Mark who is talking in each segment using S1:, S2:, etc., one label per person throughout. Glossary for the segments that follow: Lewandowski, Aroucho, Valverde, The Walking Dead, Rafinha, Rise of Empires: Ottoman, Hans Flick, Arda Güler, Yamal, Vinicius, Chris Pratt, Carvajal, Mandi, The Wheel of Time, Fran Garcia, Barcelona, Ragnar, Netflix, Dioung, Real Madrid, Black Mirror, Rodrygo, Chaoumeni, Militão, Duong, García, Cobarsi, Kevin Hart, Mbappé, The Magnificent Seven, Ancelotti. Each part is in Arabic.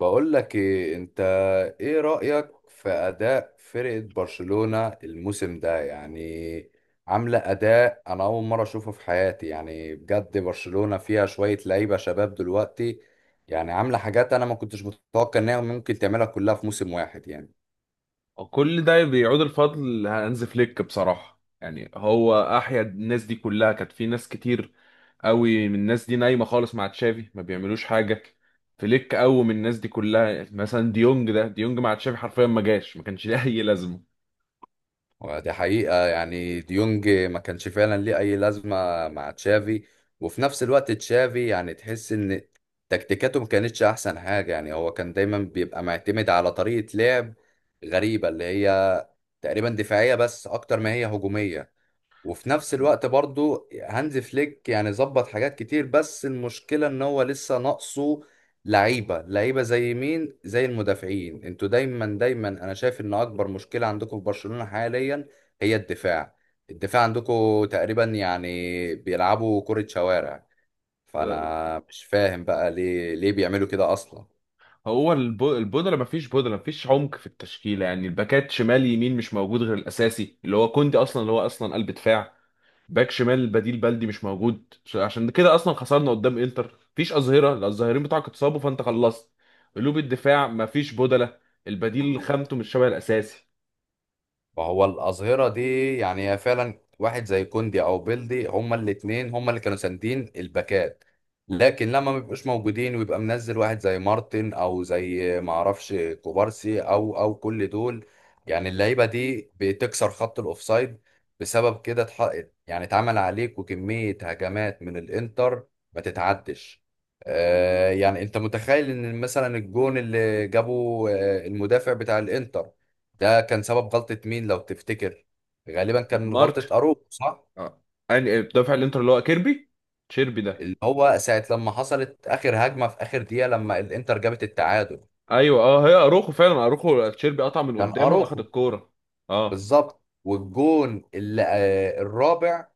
S1: بقول لك ايه انت، ايه رأيك في اداء فرقة برشلونة الموسم ده؟ يعني عاملة اداء انا اول مرة اشوفه في حياتي، يعني بجد برشلونة فيها شوية لعيبة شباب دلوقتي، يعني عاملة حاجات انا ما كنتش متوقع انها ممكن تعملها كلها في موسم واحد. يعني
S2: كل ده بيعود الفضل لهانز فليك، بصراحة يعني هو أحيا الناس دي كلها. كانت في ناس كتير قوي من الناس دي نايمة خالص مع تشافي، ما بيعملوش حاجة. فليك قوي من الناس دي كلها، مثلا ديونج. ده ديونج مع تشافي حرفيا ما جاش ما كانش ليه أي لازمة.
S1: ودي حقيقة، يعني ديونج ما كانش فعلا ليه أي لازمة مع تشافي. وفي نفس الوقت تشافي، يعني تحس إن تكتيكاته ما كانتش أحسن حاجة. يعني هو كان دايما بيبقى معتمد على طريقة لعب غريبة اللي هي تقريبا دفاعية بس أكتر ما هي هجومية. وفي نفس الوقت برضو هانز فليك، يعني ظبط حاجات كتير بس المشكلة ان هو لسه ناقصه لعيبة. لعيبة زي مين؟ زي المدافعين. انتوا دايما دايما، انا شايف ان اكبر مشكلة عندكم في برشلونة حاليا هي الدفاع. الدفاع عندكم تقريبا يعني بيلعبوا كرة شوارع. فانا مش فاهم بقى ليه ليه بيعملوا كده اصلا
S2: هو البودلة، ما فيش بودلة، ما فيش عمق في التشكيلة. يعني الباكات شمال يمين مش موجود غير الأساسي اللي هو كوندي، أصلا اللي هو أصلا قلب دفاع. باك شمال بديل بلدي مش موجود، عشان كده اصلا خسرنا قدام انتر. مفيش اظهره، لا الظاهرين بتاعك اتصابوا فانت خلصت. قلوب الدفاع مفيش بدله، البديل خامته مش شبه الاساسي.
S1: فهو الأظهرة دي يعني هي فعلا واحد زي كوندي أو بيلدي هما الاتنين هما اللي كانوا ساندين الباكات لكن لما ما بيبقوش موجودين ويبقى منزل واحد زي مارتن أو زي معرفش كوبارسي أو أو كل دول، يعني اللعيبة دي بتكسر خط الأوفسايد. بسبب كده يعني اتعمل عليك وكمية هجمات من الإنتر ما تتعدش. آه يعني أنت متخيل إن مثلا الجون اللي جابه المدافع بتاع الإنتر ده كان سبب غلطة مين لو تفتكر؟ غالبا كان من
S2: مارت
S1: غلطة أروخو، صح؟
S2: اه، يعني دافع الانتر اللي هو كيربي تشيربي ده.
S1: اللي هو ساعة لما حصلت آخر هجمة في آخر دقيقة لما الإنتر جابت التعادل،
S2: ايوه، اه، هي اروخو، فعلا اروخو تشيربي قطع من
S1: كان
S2: قدامه اخد
S1: أروخو
S2: الكوره. اه.
S1: بالظبط. والجون اللي الرابع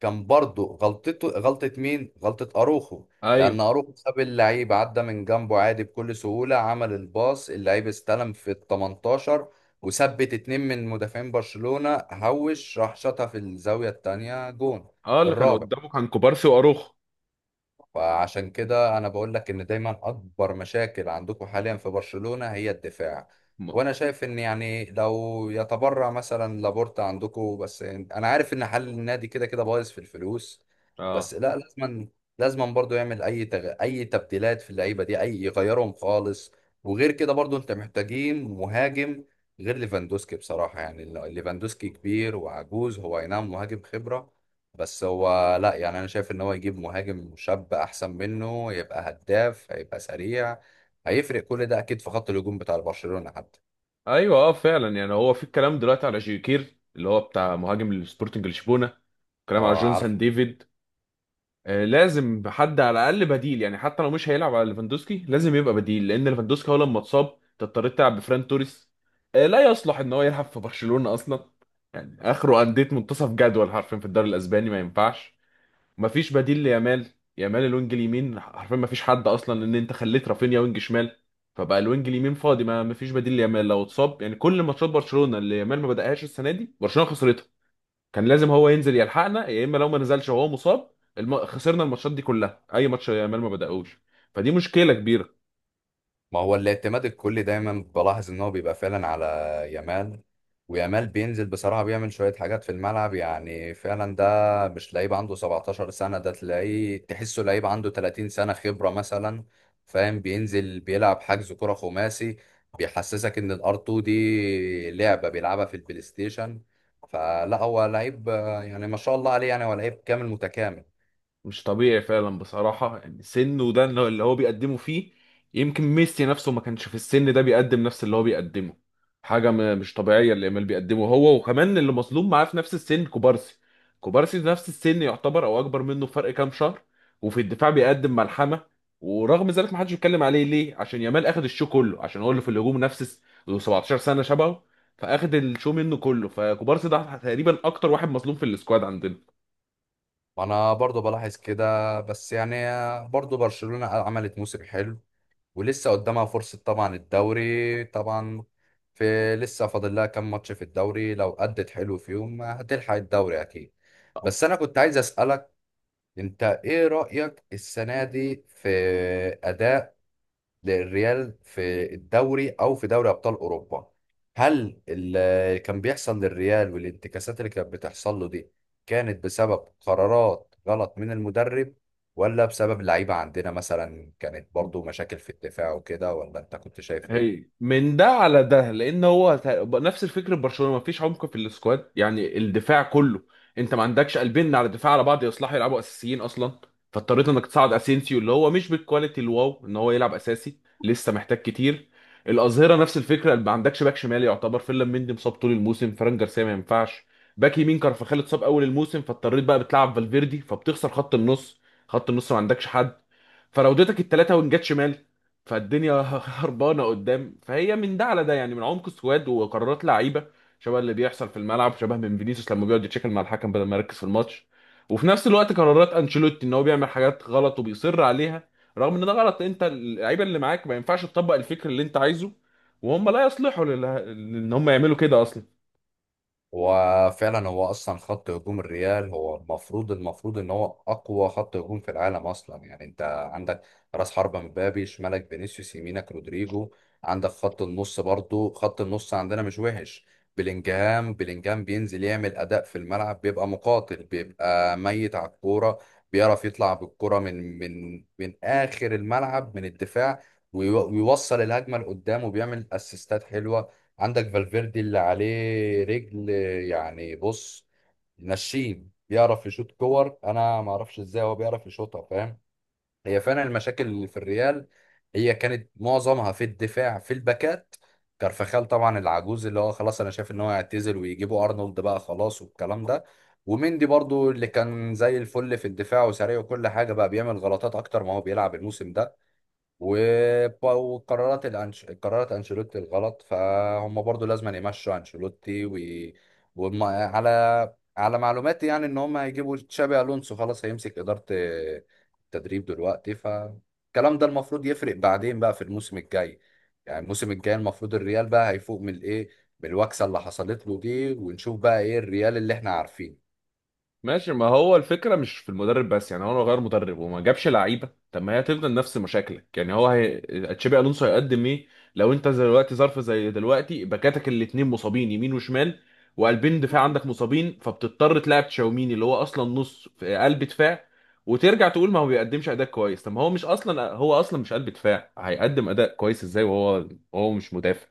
S1: كان برضه غلطته. غلطة مين؟ غلطة أروخو،
S2: ايوه،
S1: لأن أروخو ساب اللعيب عدى من جنبه عادي بكل سهولة، عمل الباص، اللعيب استلم في ال 18 وثبت اتنين من مدافعين برشلونة، هوش راح شاطها في الزاوية التانية، جون
S2: اه، اللي كان
S1: الرابع.
S2: قدامه كان كوبارسي واروخو.
S1: فعشان كده انا بقول لك ان دايما اكبر مشاكل عندكم حاليا في برشلونة هي الدفاع.
S2: م-
S1: وانا شايف ان يعني لو يتبرع مثلا لابورتا عندكم، بس انا عارف ان حل النادي كده كده بايظ في الفلوس،
S2: اه.
S1: بس لا لازما، لازما برضو يعمل اي اي تبديلات في اللعيبة دي، اي يغيرهم خالص. وغير كده برضو انت محتاجين مهاجم غير ليفاندوسكي. بصراحة يعني ليفاندوسكي كبير وعجوز، هو اي نعم مهاجم خبرة بس هو لا، يعني انا شايف ان هو يجيب مهاجم شاب احسن منه، يبقى هداف، هيبقى سريع، هيفرق كل ده اكيد في خط الهجوم بتاع برشلونة حتى.
S2: ايوه، اه فعلا. يعني هو في الكلام دلوقتي على جيوكير اللي هو بتاع مهاجم السبورتنج لشبونه، كلام على
S1: اه
S2: جونسون
S1: عارف.
S2: ديفيد. آه، لازم حد على الاقل بديل، يعني حتى لو مش هيلعب على ليفاندوسكي لازم يبقى بديل لان ليفاندوسكي هو لما اتصاب أنت اضطريت تلعب بفران توريس. آه، لا يصلح ان هو يلعب في برشلونه اصلا، يعني اخره انديه منتصف جدول حرفيا في الدوري الاسباني، ما ينفعش. مفيش بديل ليامال، يامال الوينج اليمين حرفيا مفيش حد اصلا لان انت خليت رافينيا وينج شمال، فبقى الوينج اليمين فاضي، ما مفيش بديل ليامال لو اتصاب. يعني كل ماتشات برشلونة اللي يامال ما بدأهاش السنة دي برشلونة خسرتها. كان لازم هو ينزل يلحقنا يا اما لو ما نزلش وهو مصاب. خسرنا الماتشات دي كلها، اي ماتش يامال ما بدأهوش، فدي مشكلة كبيرة.
S1: ما هو الاعتماد الكلي دايما بلاحظ ان هو بيبقى فعلا على يامال. ويامال بينزل بصراحة بيعمل شوية حاجات في الملعب، يعني فعلا ده مش لعيب عنده 17 سنة، ده تلاقيه تحسه لعيب عنده 30 سنة خبرة مثلا، فاهم؟ بينزل بيلعب حجز كرة خماسي، بيحسسك ان الار 2 دي لعبة بيلعبها في البلاي ستيشن. فلا هو لعيب يعني ما شاء الله عليه، يعني هو لعيب كامل متكامل.
S2: مش طبيعي فعلا بصراحة، يعني سنه ده اللي هو بيقدمه فيه. يمكن ميسي نفسه ما كانش في السن ده بيقدم نفس اللي هو بيقدمه. حاجة مش طبيعية اللي يامال بيقدمه، هو وكمان اللي مظلوم معاه في نفس السن كوبارسي. كوبارسي في نفس السن يعتبر أو أكبر منه بفرق كام شهر، وفي الدفاع بيقدم ملحمة. ورغم ذلك ما حدش بيتكلم عليه، ليه؟ عشان يامال أخد الشو كله، عشان هو اللي في الهجوم نفس له 17 سنة شبهه، فأخد الشو منه كله. فكوبارسي ده تقريبا أكتر واحد مظلوم في السكواد عندنا.
S1: وانا برضو بلاحظ كده، بس يعني برضو برشلونة عملت موسم حلو، ولسه قدامها فرصة طبعا، الدوري طبعا في لسه فاضل لها كام ماتش في الدوري، لو أدت حلو فيهم هتلحق الدوري أكيد. بس أنا كنت عايز أسألك، أنت إيه رأيك السنة دي في أداء للريال في الدوري او في دوري ابطال اوروبا؟ هل اللي كان بيحصل للريال والانتكاسات اللي كانت بتحصل له دي كانت بسبب قرارات غلط من المدرب؟ ولا بسبب اللعيبة عندنا مثلا كانت برضو مشاكل في الدفاع وكده؟ ولا انت كنت شايف ايه؟
S2: هي من ده على ده، لان هو نفس الفكر ببرشلونه، مفيش عمق في السكواد. يعني الدفاع كله انت ما عندكش قلبين على الدفاع على بعض يصلحوا يلعبوا اساسيين اصلا، فاضطريت انك تصعد اسينسيو اللي هو مش بالكواليتي الواو ان هو يلعب اساسي، لسه محتاج كتير. الاظهره نفس الفكره، ما عندكش باك شمال يعتبر، فيلم مندي مصاب طول الموسم، فران جارسيا ما ينفعش. باك يمين كارفاخال اتصاب اول الموسم، فاضطريت بقى بتلعب فالفيردي فبتخسر خط النص. خط النص ما عندكش حد، فراودتك الثلاثه وينجات شمال، فالدنيا هربانه قدام. فهي من ده على ده يعني، من عمق السواد وقرارات لعيبه شبه اللي بيحصل في الملعب، شبه من فينيسيوس لما بيقعد يتشكل مع الحكم بدل ما يركز في الماتش. وفي نفس الوقت قرارات انشيلوتي ان هو بيعمل حاجات غلط وبيصر عليها، رغم ان ده غلط. انت اللعيبه اللي معاك ما ينفعش تطبق الفكر اللي انت عايزه، وهم لا يصلحوا ان هم يعملوا كده اصلا.
S1: هو فعلا هو اصلا خط هجوم الريال هو المفروض ان هو اقوى خط هجوم في العالم اصلا. يعني انت عندك راس حربة مبابي، شمالك فينيسيوس، يمينك رودريجو. عندك خط النص برضو، خط النص عندنا مش وحش. بلينجهام بينزل يعمل اداء في الملعب، بيبقى مقاتل، بيبقى ميت على الكوره، بيعرف يطلع بالكوره من من اخر الملعب من الدفاع، ويوصل الهجمه لقدام وبيعمل اسيستات حلوه. عندك فالفيردي اللي عليه رجل، يعني بص، نشيب، بيعرف يشوط كور، انا ما اعرفش ازاي هو بيعرف يشوطها، فاهم؟ هي فعلا المشاكل اللي في الريال هي كانت معظمها في الدفاع في الباكات. كارفخال طبعا العجوز اللي هو خلاص، انا شايف ان هو يعتزل ويجيبوا ارنولد بقى خلاص والكلام ده. وميندي برضو اللي كان زي الفل في الدفاع وسريع وكل حاجه، بقى بيعمل غلطات اكتر ما هو بيلعب الموسم ده. وقرارات قرارات أنشيلوتي الغلط، فهم برضو لازم يمشوا أنشيلوتي. على على معلوماتي يعني إن هم هيجيبوا تشابي ألونسو، خلاص هيمسك إدارة التدريب دلوقتي، فالكلام ده المفروض يفرق بعدين بقى في الموسم الجاي. يعني الموسم الجاي المفروض الريال بقى هيفوق من الإيه، من الوكسة اللي حصلت له دي، ونشوف بقى إيه الريال اللي إحنا عارفينه.
S2: ماشي، ما هو الفكرة مش في المدرب بس، يعني هو لو غير مدرب وما جابش لعيبة طب ما هي هتفضل نفس مشاكلك. يعني هو تشابي ألونسو هيقدم ايه لو انت زي دلوقتي ظرف زي دلوقتي باكاتك الاتنين مصابين يمين وشمال، وقلبين دفاع عندك مصابين، فبتضطر تلعب تشاوميني اللي هو اصلا نص في قلب دفاع، وترجع تقول ما هو بيقدمش اداء كويس. طب ما هو مش اصلا، هو اصلا مش قلب دفاع، هيقدم اداء كويس ازاي وهو هو مش مدافع؟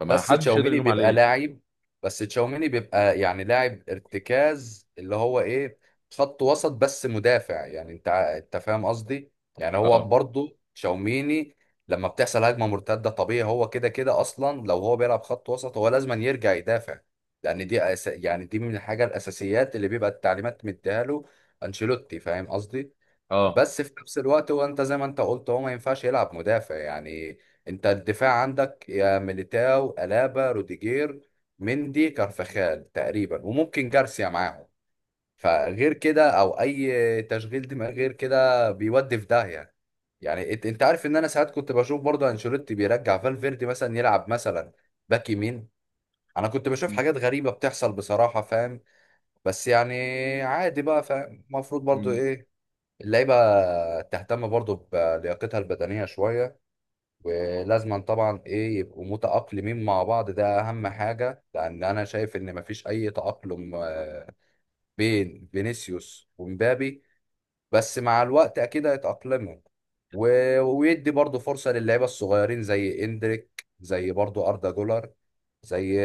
S2: فما
S1: بس
S2: حدش يقدر
S1: تشاوميني
S2: يلوم
S1: بيبقى
S2: عليه.
S1: لاعب بس تشاوميني بيبقى يعني لاعب ارتكاز اللي هو ايه، خط وسط بس مدافع، يعني انت انت فاهم قصدي. يعني هو
S2: اه.
S1: برضو تشاوميني لما بتحصل هجمة مرتدة طبيعي هو كده كده اصلا، لو هو بيلعب خط وسط هو لازم يرجع يدافع، لان دي يعني دي من الحاجة الاساسيات اللي بيبقى التعليمات مديها له انشيلوتي، فاهم قصدي؟
S2: اه،
S1: بس في نفس الوقت هو، انت زي ما انت قلت، هو ما ينفعش يلعب مدافع يعني. انت الدفاع عندك يا ميليتاو ألابا روديجير، مندي كارفخال تقريبا، وممكن جارسيا معاهم. فغير كده او اي تشغيل دماغ غير كده بيودي في داهيه. يعني انت عارف ان انا ساعات كنت بشوف برضه انشيلوتي بيرجع فالفيردي مثلا يلعب مثلا باك يمين. انا كنت بشوف حاجات غريبه بتحصل بصراحه، فاهم؟ بس يعني عادي بقى، فاهم؟ المفروض برضه ايه، اللعيبة تهتم برضو بلياقتها البدنية شوية، ولازما طبعا ايه، يبقوا متأقلمين مع بعض، ده أهم حاجة. لأن أنا شايف إن مفيش أي تأقلم بين فينيسيوس ومبابي، بس مع الوقت اكيد هيتأقلموا. ويدي برضه فرصة للعيبة الصغيرين زي اندريك، زي برضه أردا جولر، زي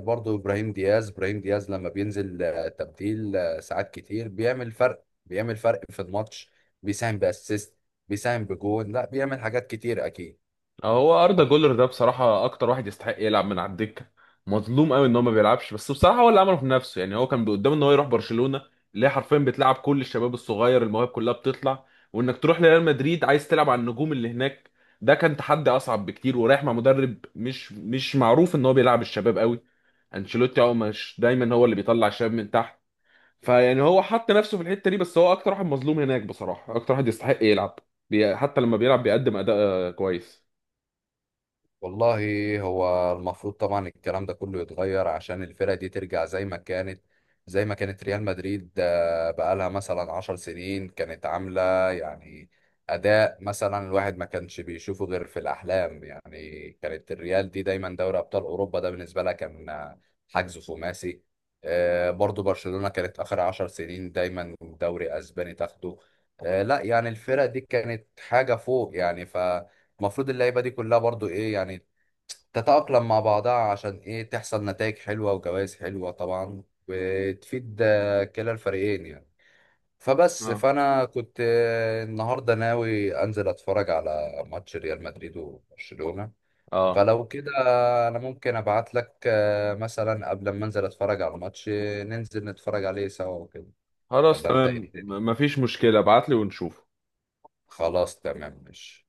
S1: برضه إبراهيم دياز. إبراهيم دياز لما بينزل تبديل ساعات كتير بيعمل فرق، بيعمل فرق في الماتش، بيساهم بأسيست، بيساهم بجون، لا بيعمل حاجات كتير أكيد.
S2: هو اردا جولر ده بصراحه اكتر واحد يستحق يلعب من على الدكه. مظلوم قوي ان هو ما بيلعبش، بس بصراحه هو اللي عمله في نفسه. يعني هو كان قدامه ان هو يروح برشلونه اللي هي حرفيا بتلعب كل الشباب الصغير، المواهب كلها بتطلع، وانك تروح لريال مدريد عايز تلعب على النجوم اللي هناك ده كان تحدي اصعب بكتير، ورايح مع مدرب مش معروف ان هو بيلعب الشباب قوي. انشيلوتي هو مش دايما هو اللي بيطلع الشباب من تحت، فيعني هو حط نفسه في الحته دي. بس هو اكتر واحد مظلوم هناك بصراحه، اكتر واحد يستحق يلعب. حتى لما بيلعب بيقدم اداء كويس.
S1: والله هو المفروض طبعا الكلام ده كله يتغير عشان الفرقة دي ترجع زي ما كانت. زي ما كانت ريال مدريد بقالها مثلا عشر سنين كانت عاملة يعني أداء مثلا الواحد ما كانش بيشوفه غير في الأحلام. يعني كانت الريال دي دايما دوري أبطال أوروبا ده بالنسبة لها كان حجز خماسي. برضو برشلونة كانت آخر عشر سنين دايما دوري أسباني تاخده. لا يعني الفرقة دي كانت حاجة فوق يعني. ف المفروض اللعيبه دي كلها برضو ايه يعني، تتأقلم مع بعضها عشان ايه، تحصل نتائج حلوة وجوائز حلوة طبعا، وتفيد كلا الفريقين يعني. فبس فأنا كنت النهاردة ناوي أنزل أتفرج على ماتش ريال مدريد وبرشلونة،
S2: اه،
S1: فلو كده أنا ممكن أبعت لك مثلا قبل ما أنزل أتفرج على الماتش ننزل نتفرج عليه سوا وكده،
S2: خلاص
S1: ولا أنت إيه
S2: تمام.
S1: الدنيا؟
S2: مفيش مشكلة، ابعتلي ونشوف.
S1: خلاص تمام ماشي.